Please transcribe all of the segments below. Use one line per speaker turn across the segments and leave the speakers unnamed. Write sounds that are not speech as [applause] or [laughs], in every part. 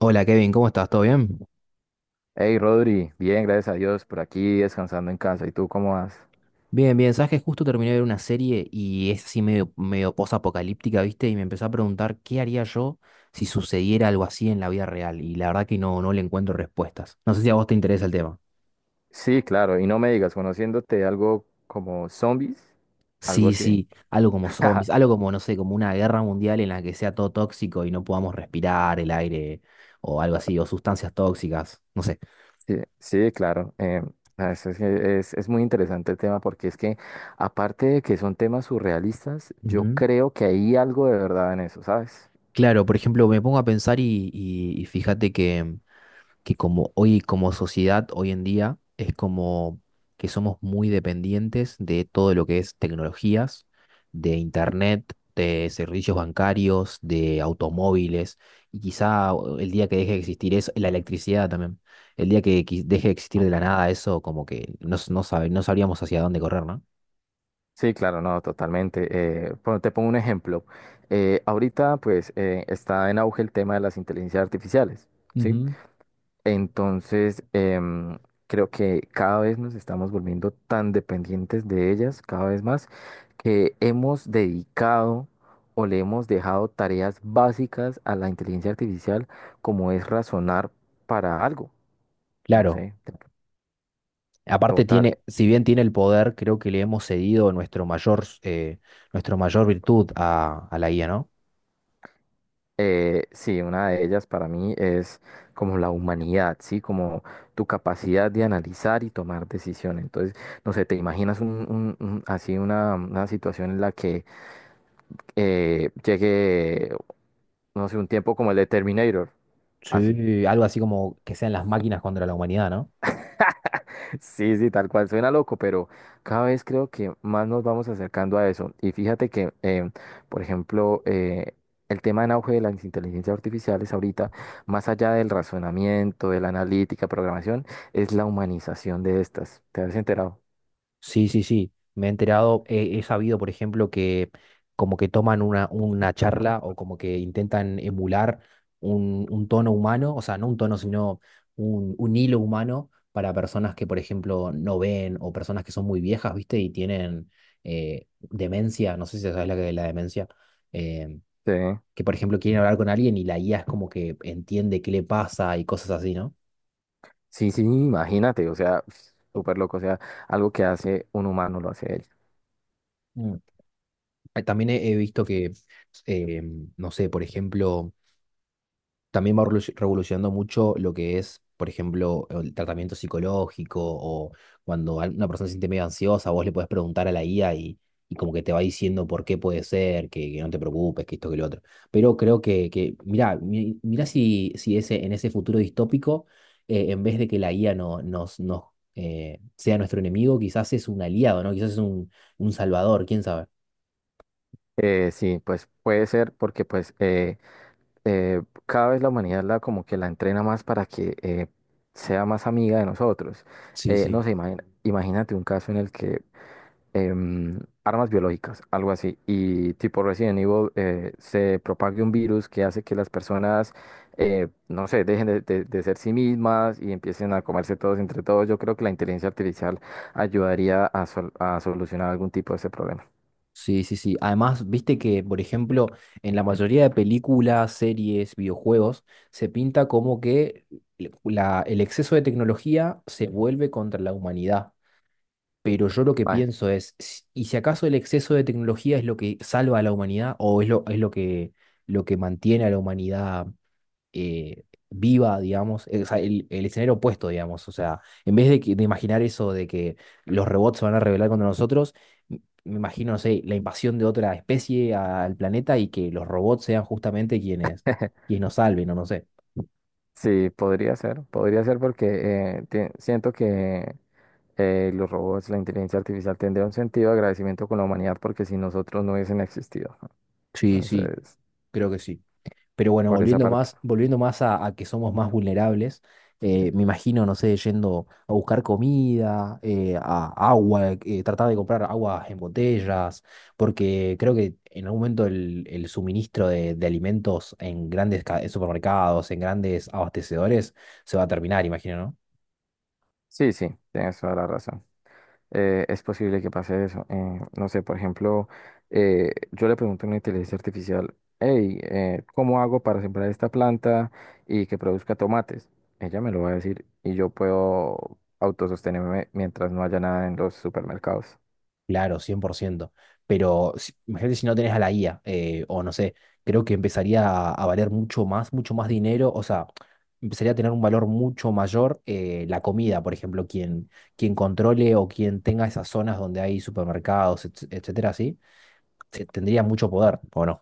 Hola Kevin, ¿cómo estás? ¿Todo bien?
Hey Rodri, bien, gracias a Dios, por aquí descansando en casa. ¿Y tú cómo vas?
Bien, bien. Sabes que justo terminé de ver una serie y es así medio, medio posapocalíptica, ¿viste? Y me empecé a preguntar qué haría yo si sucediera algo así en la vida real. Y la verdad que no, no le encuentro respuestas. No sé si a vos te interesa el tema.
Sí, claro, y no me digas, conociéndote algo como zombies, algo
Sí,
así.
sí, algo como
[laughs]
zombies, algo como, no sé, como una guerra mundial en la que sea todo tóxico y no podamos respirar el aire o algo así, o sustancias tóxicas, no sé.
Sí, sí, claro. Es muy interesante el tema porque es que, aparte de que son temas surrealistas, yo
Ujú.
creo que hay algo de verdad en eso, ¿sabes?
Claro, por ejemplo, me pongo a pensar y fíjate que como hoy, como sociedad, hoy en día, es como que somos muy dependientes de todo lo que es tecnologías, de internet, de servicios bancarios, de automóviles, y quizá el día que deje de existir eso, la electricidad también, el día que deje de existir de
Ok.
la nada eso, como que no, no sabríamos hacia dónde correr, ¿no?
Sí, claro, no, totalmente. Bueno, te pongo un ejemplo. Ahorita, pues, está en auge el tema de las inteligencias artificiales. ¿Sí?
Ujú.
Entonces, creo que cada vez nos estamos volviendo tan dependientes de ellas, cada vez más, que hemos dedicado o le hemos dejado tareas básicas a la inteligencia artificial, como es razonar para algo. No
Claro,
sé,
aparte
total.
tiene, si bien tiene el poder, creo que le hemos cedido nuestro mayor virtud a la IA, ¿no?
Sí, una de ellas para mí es como la humanidad, ¿sí? Como tu capacidad de analizar y tomar decisiones. Entonces, no sé, te imaginas así una situación en la que llegue, no sé, un tiempo como el de Terminator. Así. [laughs]
Sí, algo así como que sean las máquinas contra la humanidad, ¿no?
Sí, sí, tal cual. Suena loco, pero cada vez creo que más nos vamos acercando a eso. Y fíjate que, por ejemplo, el tema en auge de las inteligencias artificiales ahorita, más allá del razonamiento, de la analítica, programación, es la humanización de estas. ¿Te has enterado?
Sí, sí, sí. Me he enterado, he sabido, por ejemplo, que como que toman una charla o como que intentan emular un tono humano, o sea, no un tono, sino un hilo humano para personas que, por ejemplo, no ven o personas que son muy viejas, ¿viste? Y tienen demencia, no sé si sabes la que la demencia, eh,
Sí.
que, por ejemplo, quieren hablar con alguien y la guía es como que entiende qué le pasa y cosas así, ¿no?
Sí, sí, imagínate, o sea, súper loco, o sea, algo que hace un humano lo hace ella.
También he visto que, eh, no sé, por ejemplo, también va revolucionando mucho lo que es, por ejemplo, el tratamiento psicológico o cuando una persona se siente medio ansiosa, vos le podés preguntar a la IA y como que te va diciendo por qué puede ser, que no te preocupes, que esto, que lo otro. Pero creo que mirá, mirá si ese, en ese futuro distópico, en vez de que la IA no, sea nuestro enemigo, quizás es un aliado, ¿no? Quizás es un salvador, quién sabe.
Sí, pues puede ser porque pues cada vez la humanidad la como que la entrena más para que sea más amiga de nosotros.
Sí,
No
sí.
sé, imagínate un caso en el que armas biológicas, algo así, y tipo Resident Evil se propague un virus que hace que las personas, no sé, dejen de ser sí mismas y empiecen a comerse todos entre todos. Yo creo que la inteligencia artificial ayudaría a solucionar algún tipo de ese problema.
Sí, sí, sí. Además, viste que, por ejemplo, en la mayoría de películas, series, videojuegos, se pinta como que el exceso de tecnología se vuelve contra la humanidad. Pero yo lo que
Ay,
pienso es, ¿y si acaso el exceso de tecnología es lo que salva a la humanidad o lo que mantiene a la humanidad viva, digamos, o sea, el escenario opuesto, digamos? O sea, en vez de imaginar eso de que los robots se van a rebelar contra nosotros, me imagino, no sé, la invasión de otra especie al planeta y que los robots sean justamente quienes nos salven, o no sé.
sí, podría ser porque, siento que los robots, la inteligencia artificial tendría un sentido de agradecimiento con la humanidad porque si nosotros no hubiesen existido. ¿No?
Sí, sí,
Entonces,
creo que sí. Pero bueno,
por esa
volviendo
parte,
más, volviendo más a que somos más vulnerables, me imagino, no sé, yendo a buscar comida, a agua, tratar de comprar aguas en botellas, porque creo que en algún momento el suministro de alimentos en grandes supermercados, en grandes abastecedores, se va a terminar, imagino, ¿no?
sí, sí, tienes toda la razón. Es posible que pase eso. No sé, por ejemplo, yo le pregunto a una inteligencia artificial, hey, ¿cómo hago para sembrar esta planta y que produzca tomates? Ella me lo va a decir y yo puedo autosostenerme mientras no haya nada en los supermercados.
Claro, 100%. Pero imagínate si no tenés a la IA, o no sé, creo que empezaría a valer mucho más dinero, o sea, empezaría a tener un valor mucho mayor la comida, por ejemplo, quien controle o quien tenga esas zonas donde hay supermercados, etcétera, así, tendría mucho poder, ¿o no?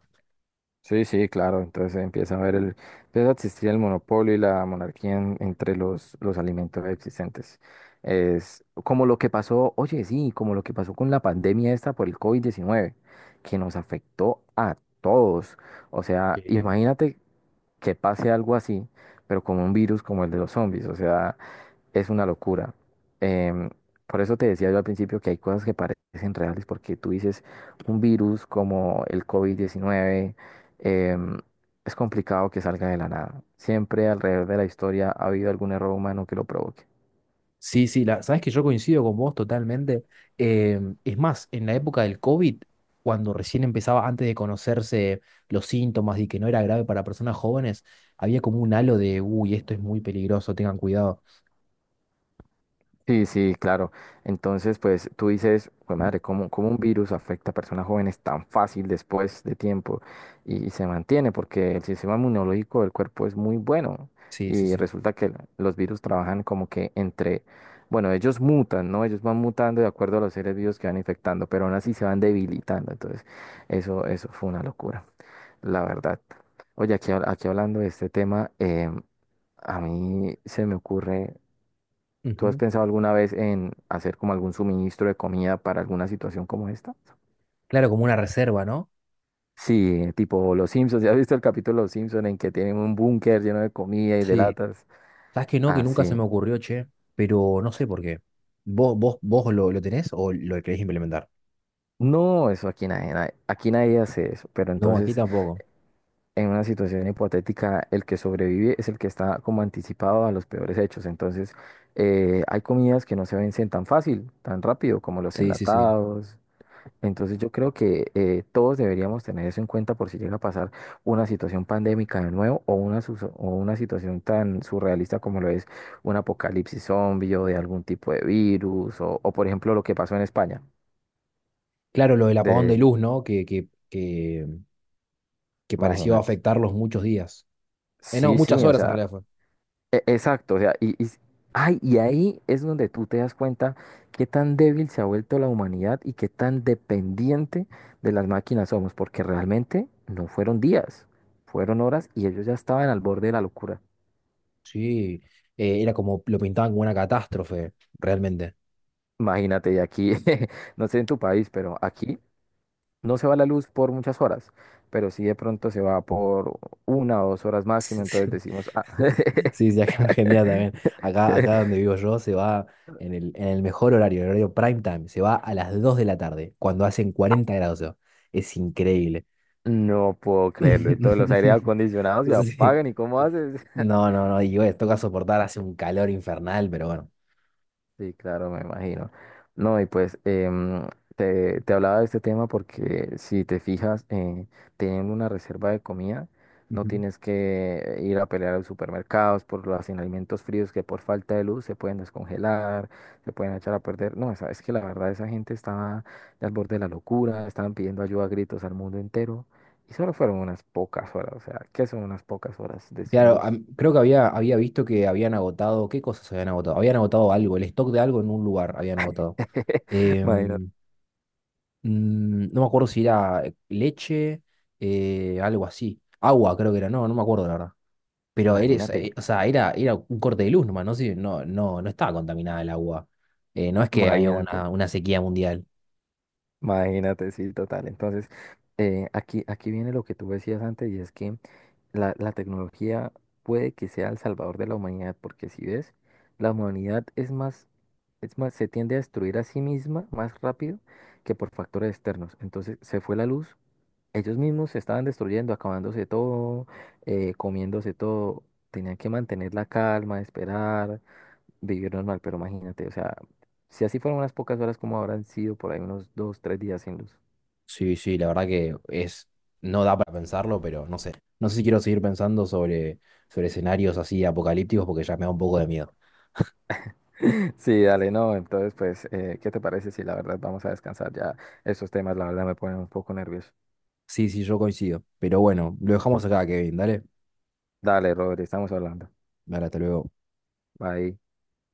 Sí, sí, claro. Entonces empieza a existir el monopolio y la monarquía entre los alimentos existentes. Es como lo que pasó, oye, sí, como lo que pasó con la pandemia esta por el COVID-19 que nos afectó a todos. O sea, imagínate que pase algo así, pero como un virus como el de los zombies. O sea, es una locura. Em, por eso te decía yo al principio que hay cosas que parecen reales, porque tú dices, un virus como el COVID-19 em, es complicado que salga de la nada. Siempre alrededor de la historia ha habido algún error humano que lo provoque.
Sí, sí, sabes que yo coincido con vos totalmente. Es más, en la época del COVID, cuando recién empezaba, antes de conocerse los síntomas y que no era grave para personas jóvenes, había como un halo de, uy, esto es muy peligroso, tengan cuidado.
Sí, sí, claro. Entonces, pues tú dices, pues madre, ¿cómo un virus afecta a personas jóvenes tan fácil después de tiempo y, se mantiene? Porque el sistema inmunológico del cuerpo es muy bueno
Sí, sí,
y
sí.
resulta que los virus trabajan como que bueno, ellos mutan, ¿no? Ellos van mutando de acuerdo a los seres vivos que van infectando, pero aún así se van debilitando. Entonces, eso fue una locura, la verdad. Oye, aquí hablando de este tema, a mí se me ocurre, ¿tú has
Ujú.
pensado alguna vez en hacer como algún suministro de comida para alguna situación como esta?
Claro, como una reserva, ¿no?
Sí, tipo Los Simpsons. [laughs] ¿Ya has visto el capítulo de Los Simpsons en que tienen un búnker lleno de comida y de
Sí.
latas?
¿Sabes que no? Que nunca se
Así.
me ocurrió, che, pero no sé por qué. ¿Vos lo tenés o lo querés implementar?
No, eso aquí aquí nadie hace eso. Pero
No, aquí
entonces,
tampoco.
en una situación hipotética, el que sobrevive es el que está como anticipado a los peores hechos. Entonces, hay comidas que no se vencen tan fácil, tan rápido, como los
Sí, sí, sí.
enlatados. Entonces yo creo que todos deberíamos tener eso en cuenta por si llega a pasar una situación pandémica de nuevo o o una situación tan surrealista como lo es un apocalipsis zombie o de algún tipo de virus o por ejemplo lo que pasó en España.
Claro, lo del apagón de
De,
luz, ¿no? Que pareció
Imagínate.
afectarlos muchos días. No,
Sí,
muchas
sí, o
horas en realidad
sea.
fue.
Exacto, o sea, ay, y ahí es donde tú te das cuenta qué tan débil se ha vuelto la humanidad y qué tan dependiente de las máquinas somos, porque realmente no fueron días, fueron horas y ellos ya estaban al borde de la locura.
Sí, era como lo pintaban como una catástrofe, realmente.
Imagínate, y aquí, [laughs] no sé en tu país, pero aquí no se va la luz por muchas horas, pero sí de pronto se va por 1 o 2 horas máximo, entonces
[laughs]
decimos, ah,
Sí, sí, sí, acá en Argentina también. Acá donde
[laughs]
vivo yo se va en el mejor horario, el horario prime time. Se va a las 2 de la tarde, cuando hacen 40 grados. O sea, es increíble.
no puedo creerlo, y todos los aire
[laughs]
acondicionados se
Entonces, sí.
apagan, ¿y cómo haces?
No, no, no. Y bueno, toca soportar, hace un calor infernal, pero
Sí, claro, me imagino. No, y pues te hablaba de este tema porque si te fijas, teniendo una reserva de comida, no
bueno.
tienes que ir a pelear a los supermercados por los alimentos fríos que por falta de luz se pueden descongelar, se pueden echar a perder. No, es que la verdad esa gente estaba al borde de la locura, estaban pidiendo ayuda a gritos al mundo entero y solo fueron unas pocas horas, o sea, ¿qué son unas pocas horas de sin
Claro,
luz?
creo que había visto que habían agotado, ¿qué cosas habían agotado? Habían agotado algo, el stock de algo en un lugar habían agotado.
[laughs] Imagínate,
Em, no me acuerdo si era leche, algo así. Agua creo que era, no, no me acuerdo la verdad. Pero eres,
imagínate.
o sea, era un corte de luz nomás, no sé, no, no, no estaba contaminada el agua. No es que había una,
Imagínate.
una sequía mundial.
Imagínate, sí, total. Entonces, aquí viene lo que tú decías antes y es que la tecnología puede que sea el salvador de la humanidad, porque si ves, la humanidad es más, se tiende a destruir a sí misma más rápido que por factores externos. Entonces, se fue la luz, ellos mismos se estaban destruyendo, acabándose todo, comiéndose todo. Tenían que mantener la calma, esperar vivir normal, pero imagínate, o sea, si así fueron unas pocas horas, ¿como habrán sido por ahí unos 2, 3 días sin luz?
Sí, sí, la verdad que es, no da para pensarlo, pero no sé. No sé si quiero seguir pensando sobre escenarios así apocalípticos porque ya me da un poco de miedo.
[laughs] Sí, dale, no, entonces pues, ¿qué te parece si la verdad vamos a descansar ya? Estos temas, la verdad, me ponen un poco nervioso.
Sí, sí, yo coincido. Pero bueno, lo dejamos acá, Kevin. Dale.
Dale, Rodri, estamos hablando.
Dale, hasta luego.
Bye.